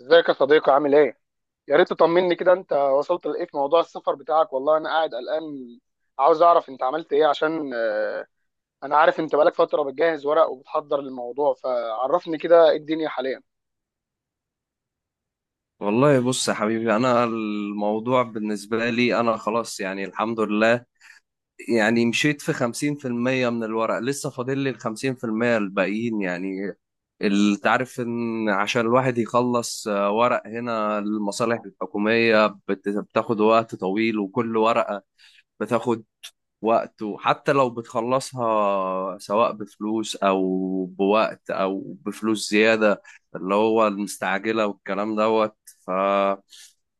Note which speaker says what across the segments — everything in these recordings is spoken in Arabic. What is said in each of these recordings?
Speaker 1: ازيك يا صديقي عامل ايه؟ يا ريت تطمني كده، انت وصلت لايه في موضوع السفر بتاعك؟ والله انا قاعد قلقان. عاوز اعرف انت عملت ايه عشان انا عارف انت بقالك فترة بتجهز ورق وبتحضر للموضوع، فعرفني كده ايه الدنيا حاليا.
Speaker 2: والله بص يا حبيبي، انا الموضوع بالنسبه لي انا خلاص يعني الحمد لله. يعني مشيت في 50% من الورق، لسه فاضل لي ال 50% الباقيين يعني. انت عارف ان عشان الواحد يخلص ورق هنا المصالح الحكوميه بتاخد وقت طويل، وكل ورقه بتاخد وقت. وحتى لو بتخلصها سواء بفلوس او بوقت او بفلوس زياده، اللي هو المستعجله والكلام دوت.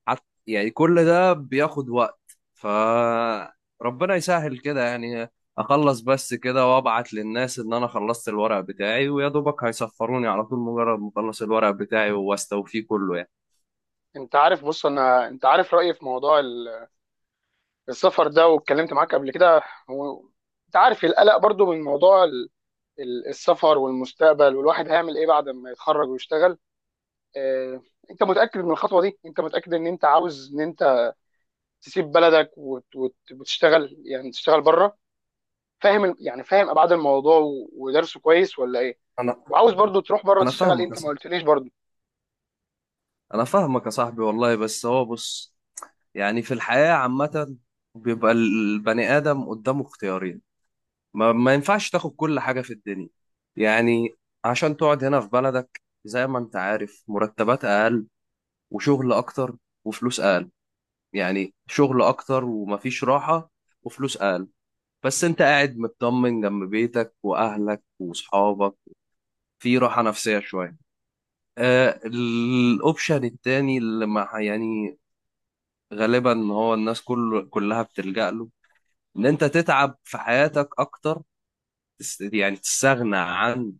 Speaker 2: يعني كل ده بياخد وقت، فربنا يسهل كده يعني. اخلص بس كده وابعت للناس ان انا خلصت الورق بتاعي، ويا دوبك هيسفروني على طول مجرد ما اخلص الورق بتاعي واستوفيه كله يعني.
Speaker 1: انت عارف، بص، انا انت عارف رأيي في موضوع السفر ده، واتكلمت معاك قبل كده و... انت عارف القلق برضو من موضوع السفر والمستقبل، والواحد هيعمل ايه بعد ما يتخرج ويشتغل؟ آه، انت متأكد من الخطوة دي؟ انت متأكد ان انت عاوز ان انت تسيب بلدك وتشتغل؟ يعني تشتغل بره؟ فاهم يعني فاهم ابعاد الموضوع ودرسه كويس ولا ايه؟
Speaker 2: انا
Speaker 1: وعاوز برضو تروح بره
Speaker 2: انا
Speaker 1: تشتغل إيه؟
Speaker 2: فاهمك يا
Speaker 1: انت ما
Speaker 2: صاحبي.
Speaker 1: قلتليش برضو.
Speaker 2: انا فاهمك يا صاحبي والله، بس هو بص، يعني في الحياة عامة بيبقى البني ادم قدامه اختيارين. ما ينفعش تاخد كل حاجة في الدنيا يعني. عشان تقعد هنا في بلدك، زي ما انت عارف، مرتبات اقل وشغل اكتر وفلوس اقل. يعني شغل اكتر ومفيش راحة وفلوس اقل، بس انت قاعد مطمن جنب بيتك واهلك واصحابك، في راحة نفسية شوية. آه، الاوبشن التاني اللي مع يعني غالبا هو الناس كلها بتلجأ له، ان انت تتعب في حياتك اكتر، يعني تستغنى عن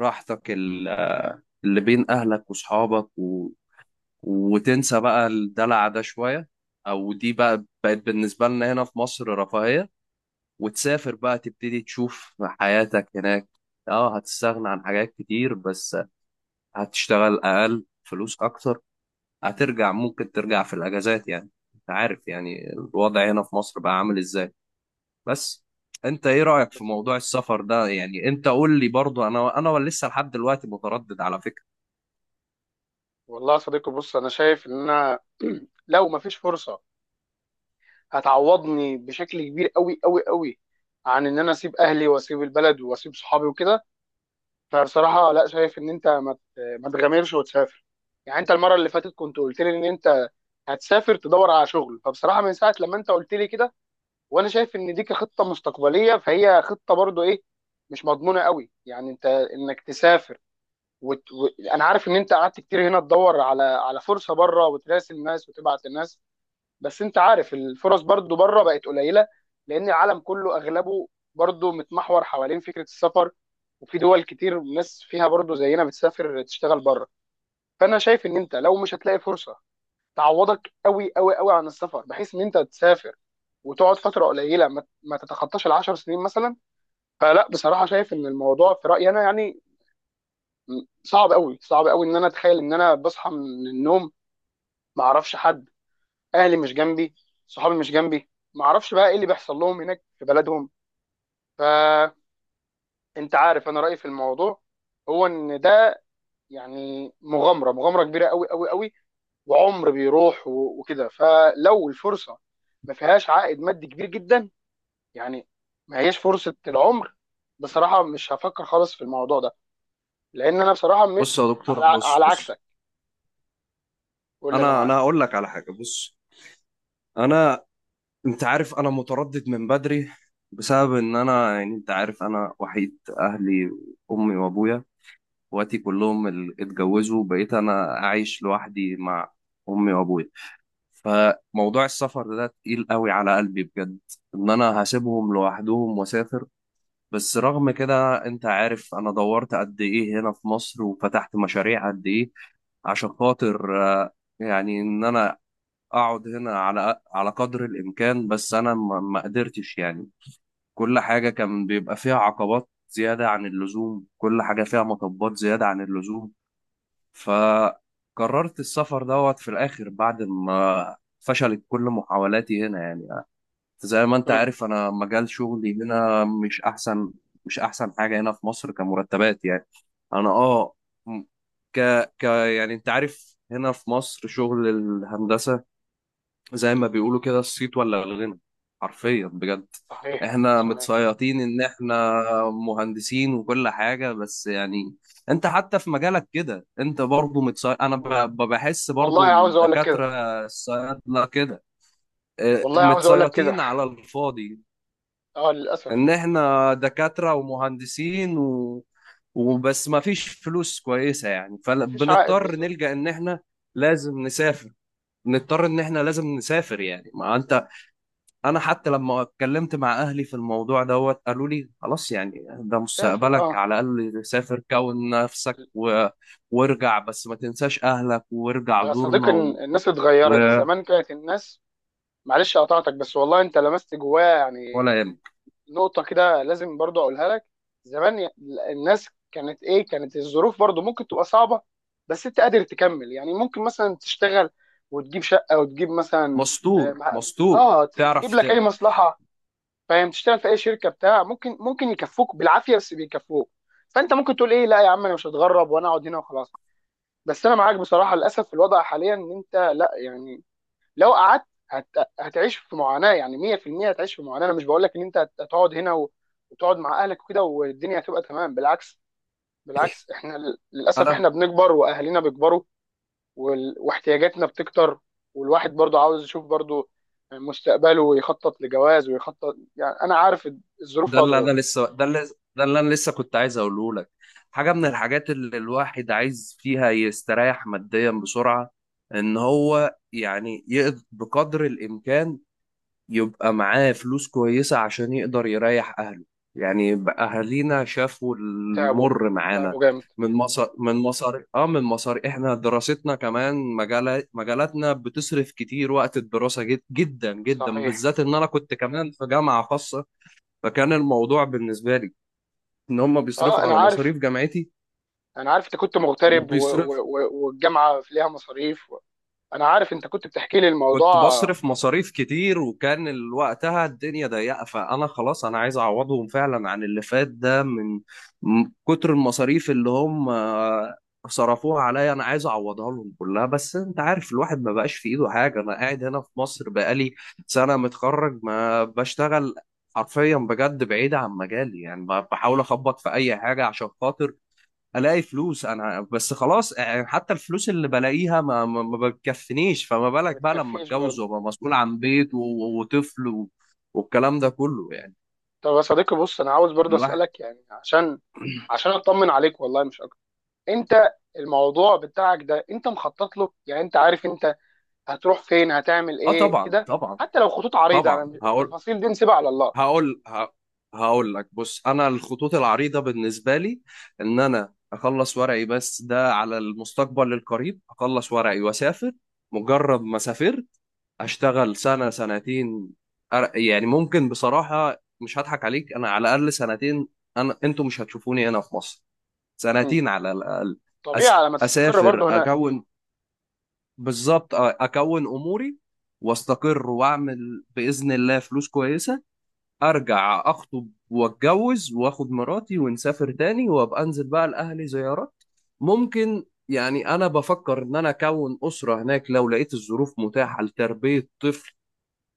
Speaker 2: راحتك اللي بين اهلك واصحابك، وتنسى بقى الدلع ده شوية، أو دي بقى بقت بالنسبة لنا هنا في مصر رفاهية، وتسافر بقى تبتدي تشوف حياتك هناك. اه، هتستغنى عن حاجات كتير، بس هتشتغل أقل، فلوس أكتر. هترجع، ممكن ترجع في الأجازات يعني. أنت عارف يعني الوضع هنا في مصر بقى عامل إزاي. بس أنت إيه رأيك في موضوع السفر ده يعني؟ أنت قول لي برضه، أنا لسه لحد دلوقتي متردد على فكرة.
Speaker 1: والله يا صديقي بص، انا شايف ان انا لو ما فيش فرصه هتعوضني بشكل كبير قوي قوي قوي عن ان انا اسيب اهلي واسيب البلد واسيب صحابي وكده، فبصراحه لا، شايف ان انت ما تغامرش وتسافر. يعني انت المره اللي فاتت كنت قلت لي ان انت هتسافر تدور على شغل، فبصراحه من ساعه لما انت قلت لي كده وانا شايف ان دي كخطه مستقبليه، فهي خطه برضو ايه، مش مضمونه قوي. يعني انت انك تسافر وت... و... انا عارف ان انت قعدت كتير هنا تدور على فرصه بره، وتراسل الناس وتبعت الناس، بس انت عارف الفرص برضو بره بقت قليله، لان العالم كله اغلبه برضو متمحور حوالين فكره السفر، وفي دول كتير ناس فيها برضو زينا بتسافر تشتغل بره. فانا شايف ان انت لو مش هتلاقي فرصه تعوضك قوي قوي قوي عن السفر، بحيث ان انت تسافر وتقعد فتره قليله ما تتخطاش العشر سنين مثلا، فلا بصراحه، شايف ان الموضوع في رايي انا يعني صعب قوي، صعب قوي ان انا اتخيل ان انا بصحى من النوم ما اعرفش حد، اهلي مش جنبي، صحابي مش جنبي، ما اعرفش بقى ايه اللي بيحصل لهم هناك في بلدهم. فانت عارف انا رايي في الموضوع، هو ان ده يعني مغامره كبيره قوي قوي قوي، وعمر بيروح وكده. فلو الفرصه ما فيهاش عائد مادي كبير جدا، يعني ما هيش فرصه العمر، بصراحه مش هفكر خالص في الموضوع ده، لان انا بصراحه
Speaker 2: بص يا دكتور،
Speaker 1: على
Speaker 2: بص
Speaker 1: على
Speaker 2: بص
Speaker 1: عكسك، قول لي انا
Speaker 2: أنا
Speaker 1: معاك.
Speaker 2: أنا هقول لك على حاجة. بص انا، انت عارف انا متردد من بدري بسبب ان انا، يعني انت عارف انا وحيد اهلي، امي وابويا. اخواتي كلهم اللي اتجوزوا، بقيت انا عايش لوحدي مع امي وابويا. فموضوع السفر ده تقيل قوي على قلبي بجد، ان انا هسيبهم لوحدهم واسافر. بس رغم كده انت عارف انا دورت قد ايه هنا في مصر وفتحت مشاريع قد ايه عشان خاطر يعني ان انا اقعد هنا على قدر الامكان، بس انا ما قدرتش يعني. كل حاجه كان بيبقى فيها عقبات زياده عن اللزوم، كل حاجه فيها مطبات زياده عن اللزوم. فقررت السفر دوت في الاخر بعد ما فشلت كل محاولاتي هنا يعني. زي ما انت
Speaker 1: امم،
Speaker 2: عارف انا مجال شغلي هنا مش احسن، مش احسن حاجه هنا في مصر كمرتبات يعني. انا اه، م- ك يعني انت عارف هنا في مصر شغل الهندسه زي ما بيقولوا كده الصيت ولا الغنى، حرفيا بجد.
Speaker 1: صحيح
Speaker 2: احنا
Speaker 1: صحيح.
Speaker 2: متصيطين ان احنا مهندسين وكل حاجة، بس يعني انت حتى في مجالك كده انت برضو متصيط. انا
Speaker 1: و-
Speaker 2: بحس
Speaker 1: والله
Speaker 2: برضو
Speaker 1: عاوز اقول لك كده،
Speaker 2: الدكاترة الصيادلة كده، اه،
Speaker 1: والله عاوز اقول لك كده،
Speaker 2: متصيطين على الفاضي.
Speaker 1: اه
Speaker 2: ان
Speaker 1: للاسف
Speaker 2: احنا دكاترة ومهندسين و... وبس، ما فيش فلوس كويسة يعني،
Speaker 1: مفيش عائد
Speaker 2: فبنضطر
Speaker 1: بالظبط.
Speaker 2: نلجأ ان احنا لازم نسافر. نضطر ان احنا لازم نسافر، يعني ما انت، انا حتى لما اتكلمت مع اهلي في الموضوع دوت قالوا لي خلاص يعني، ده
Speaker 1: سافر،
Speaker 2: مستقبلك،
Speaker 1: اه.
Speaker 2: على الاقل سافر كون نفسك و... وارجع، بس ما تنساش اهلك وارجع
Speaker 1: يا صديقي
Speaker 2: زورنا. و...
Speaker 1: الناس اتغيرت.
Speaker 2: و...
Speaker 1: زمان كانت الناس، معلش قطعتك، بس والله انت لمست جوايا يعني
Speaker 2: ولا يهمك.
Speaker 1: نقطة كده لازم برضو أقولها لك. زمان الناس كانت إيه، كانت الظروف برضو ممكن تبقى صعبة، بس أنت قادر تكمل. يعني ممكن مثلا تشتغل وتجيب شقة وتجيب مثلا،
Speaker 2: مستور
Speaker 1: آه مع-
Speaker 2: مستور تعرف.
Speaker 1: تجيب
Speaker 2: ت...
Speaker 1: لك أي مصلحة، فاهم، تشتغل في أي شركة بتاع، ممكن ممكن يكفوك بالعافية بس بيكفوك. فأنت ممكن تقول إيه، لا يا عم، أنا مش هتغرب، وأنا أقعد هنا وخلاص. بس أنا معاك بصراحة، للأسف الوضع حاليا إن أنت لا يعني لو قعدت هتعيش في معاناه، يعني 100% هتعيش في معاناه. انا مش بقول لك ان انت هتقعد هنا وتقعد مع اهلك وكده والدنيا هتبقى تمام، بالعكس، بالعكس. احنا للاسف
Speaker 2: انا
Speaker 1: احنا بنكبر واهالينا بيكبروا واحتياجاتنا بتكتر، والواحد برضو عاوز يشوف برضو مستقبله ويخطط لجواز ويخطط، يعني انا عارف الظروف
Speaker 2: ده
Speaker 1: فيها
Speaker 2: اللي انا
Speaker 1: ضغوط.
Speaker 2: لسه ده اللي ده اللي انا لسه كنت عايز اقوله لك. حاجه من الحاجات اللي الواحد عايز فيها يستريح ماديا بسرعه، ان هو يعني يقدر بقدر الامكان يبقى معاه فلوس كويسة عشان يقدر يريح أهله. يعني بقى أهالينا شافوا
Speaker 1: تعبوا،
Speaker 2: المر
Speaker 1: تعبوا
Speaker 2: معانا
Speaker 1: جامد.
Speaker 2: من مصر. من مصر احنا دراستنا كمان، مجالات مجالاتنا بتصرف كتير وقت الدراسة، جد جدا جدا،
Speaker 1: صحيح.
Speaker 2: بالذات ان انا كنت كمان في جامعة خاصة. فكان الموضوع بالنسبة لي ان هم
Speaker 1: اه
Speaker 2: بيصرفوا
Speaker 1: انا
Speaker 2: على
Speaker 1: عارف،
Speaker 2: مصاريف جامعتي،
Speaker 1: انا عارف انت كنت مغترب
Speaker 2: وبيصرف
Speaker 1: والجامعه فيها مصاريف، انا عارف انت كنت بتحكي لي
Speaker 2: كنت
Speaker 1: الموضوع.
Speaker 2: بصرف مصاريف كتير، وكان وقتها الدنيا ضيقة. فأنا خلاص أنا عايز أعوضهم فعلا عن اللي فات ده، من من كتر المصاريف اللي هم صرفوها عليا، أنا عايز أعوضها لهم كلها. بس أنت عارف الواحد ما بقاش في إيده حاجة. أنا قاعد هنا في مصر بقالي سنة متخرج ما بشتغل، حرفيا بجد، بعيد عن مجالي يعني. بحاول أخبط في أي حاجة عشان خاطر الاقي فلوس انا بس خلاص، يعني حتى الفلوس اللي بلاقيها ما بتكفنيش. فما
Speaker 1: ما
Speaker 2: بالك بقى لما
Speaker 1: بتكفيش
Speaker 2: اتجوز
Speaker 1: برضه.
Speaker 2: وابقى مسؤول عن بيت وطفل و- والكلام ده كله يعني.
Speaker 1: طب يا صديقي بص، انا عاوز برضه
Speaker 2: الواحد
Speaker 1: اسالك يعني عشان عشان اطمن عليك والله مش اكتر. انت الموضوع بتاعك ده انت مخطط له؟ يعني انت عارف انت هتروح فين هتعمل
Speaker 2: اه،
Speaker 1: ايه
Speaker 2: طبعا
Speaker 1: كده؟
Speaker 2: طبعا.
Speaker 1: حتى لو خطوط عريضه، انا
Speaker 2: طبعا
Speaker 1: مش،
Speaker 2: هقول
Speaker 1: التفاصيل دي نسيبها على الله.
Speaker 2: هقول ه- هقول لك، بص انا الخطوط العريضه بالنسبه لي ان انا اخلص ورقي، بس ده على المستقبل القريب، اخلص ورقي واسافر. مجرد ما سافرت اشتغل سنه سنتين، يعني ممكن بصراحه مش هضحك عليك، انا على الاقل سنتين انا انتوا مش هتشوفوني هنا في مصر،
Speaker 1: مم.
Speaker 2: سنتين على الاقل.
Speaker 1: طبيعي على ما تستقر
Speaker 2: اسافر
Speaker 1: برضه هناك
Speaker 2: اكون بالظبط، اكون اموري واستقر واعمل باذن الله فلوس كويسه، ارجع اخطب واتجوز واخد مراتي ونسافر تاني، وابقى انزل بقى لاهلي زيارات. ممكن يعني انا بفكر ان انا اكون اسره هناك لو لقيت الظروف متاحه لتربيه طفل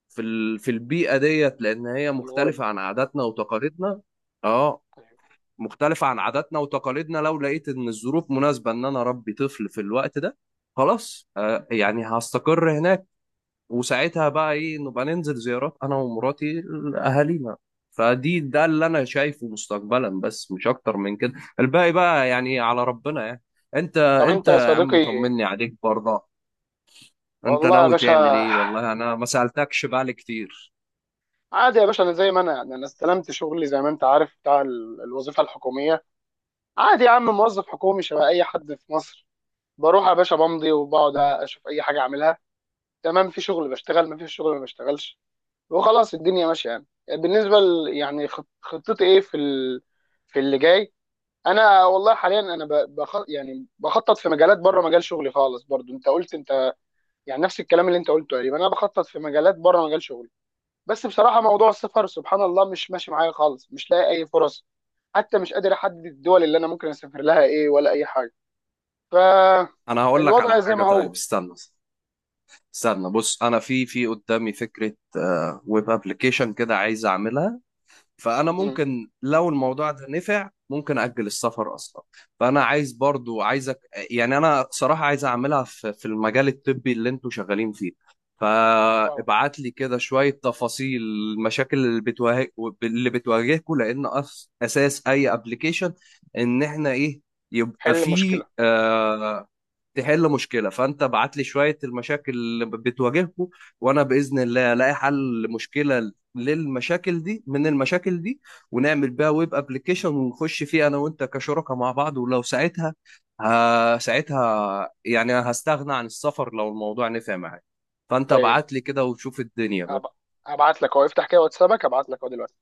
Speaker 2: في البيئة ديت، لأن هي
Speaker 1: في الغربه.
Speaker 2: مختلفة عن عاداتنا وتقاليدنا. اه، مختلفة عن عاداتنا وتقاليدنا. لو لقيت إن الظروف مناسبة إن أنا أربي طفل في الوقت ده، خلاص آه يعني هستقر هناك. وساعتها بقى إيه، نبقى ننزل زيارات أنا ومراتي لأهالينا. فدي ده اللي أنا شايفه مستقبلا، بس مش أكتر من كده. الباقي بقى يعني على ربنا يعني. أنت
Speaker 1: طب انت
Speaker 2: أنت
Speaker 1: يا
Speaker 2: يا عم
Speaker 1: صديقي،
Speaker 2: طمني عليك برضه، أنت
Speaker 1: والله يا
Speaker 2: ناوي تعمل
Speaker 1: باشا،
Speaker 2: إيه؟ والله أنا ما سألتكش بقى كتير.
Speaker 1: عادي يا باشا، انا زي ما انا، يعني انا استلمت شغلي زي ما انت عارف بتاع الوظيفه الحكوميه. عادي يا عم، موظف حكومي شبه اي حد في مصر. بروح يا باشا بمضي وبقعد اشوف اي حاجه اعملها، تمام. في شغل بشتغل، ما فيش شغل ما بشتغلش، وخلاص الدنيا ماشيه. يعني بالنسبه يعني خطتي ايه في في اللي جاي؟ انا والله حاليا انا يعني بخطط في مجالات بره مجال شغلي خالص، برضو انت قلت انت يعني نفس الكلام اللي انت قلته تقريبا، انا بخطط في مجالات بره مجال شغلي، بس بصراحه موضوع السفر سبحان الله مش ماشي معايا خالص، مش لاقي اي فرص، حتى مش قادر احدد الدول اللي انا ممكن اسافر لها ايه ولا اي حاجه.
Speaker 2: انا هقول لك على
Speaker 1: فالوضع زي
Speaker 2: حاجه،
Speaker 1: ما
Speaker 2: طيب
Speaker 1: هو.
Speaker 2: استنى، استنى، بص انا في قدامي فكره، ويب ابلكيشن كده عايز اعملها. فانا ممكن لو الموضوع ده نفع ممكن اجل السفر اصلا. فانا عايز برضو عايزك، يعني انا صراحه عايز اعملها في المجال الطبي اللي انتوا شغالين فيه.
Speaker 1: اه،
Speaker 2: فابعت لي كده شويه تفاصيل المشاكل اللي بتواجه، اللي بتواجهكم. لان اساس اي ابلكيشن ان احنا ايه، يبقى
Speaker 1: حل
Speaker 2: فيه
Speaker 1: مشكله.
Speaker 2: تحل مشكله. فانت بعت لي شويه المشاكل اللي بتواجهكم، وانا باذن الله الاقي حل مشكله للمشاكل دي، من المشاكل دي ونعمل بيها ويب ابلكيشن، ونخش فيه انا وانت كشركاء مع بعض. ولو ساعتها، ها ساعتها يعني هستغنى عن السفر لو الموضوع نفع معاك. فانت
Speaker 1: طيب،
Speaker 2: ابعت لي كده وشوف الدنيا.
Speaker 1: أب... ابعت لك اهو، افتح كده واتسابك، ابعت لك اهو دلوقتي.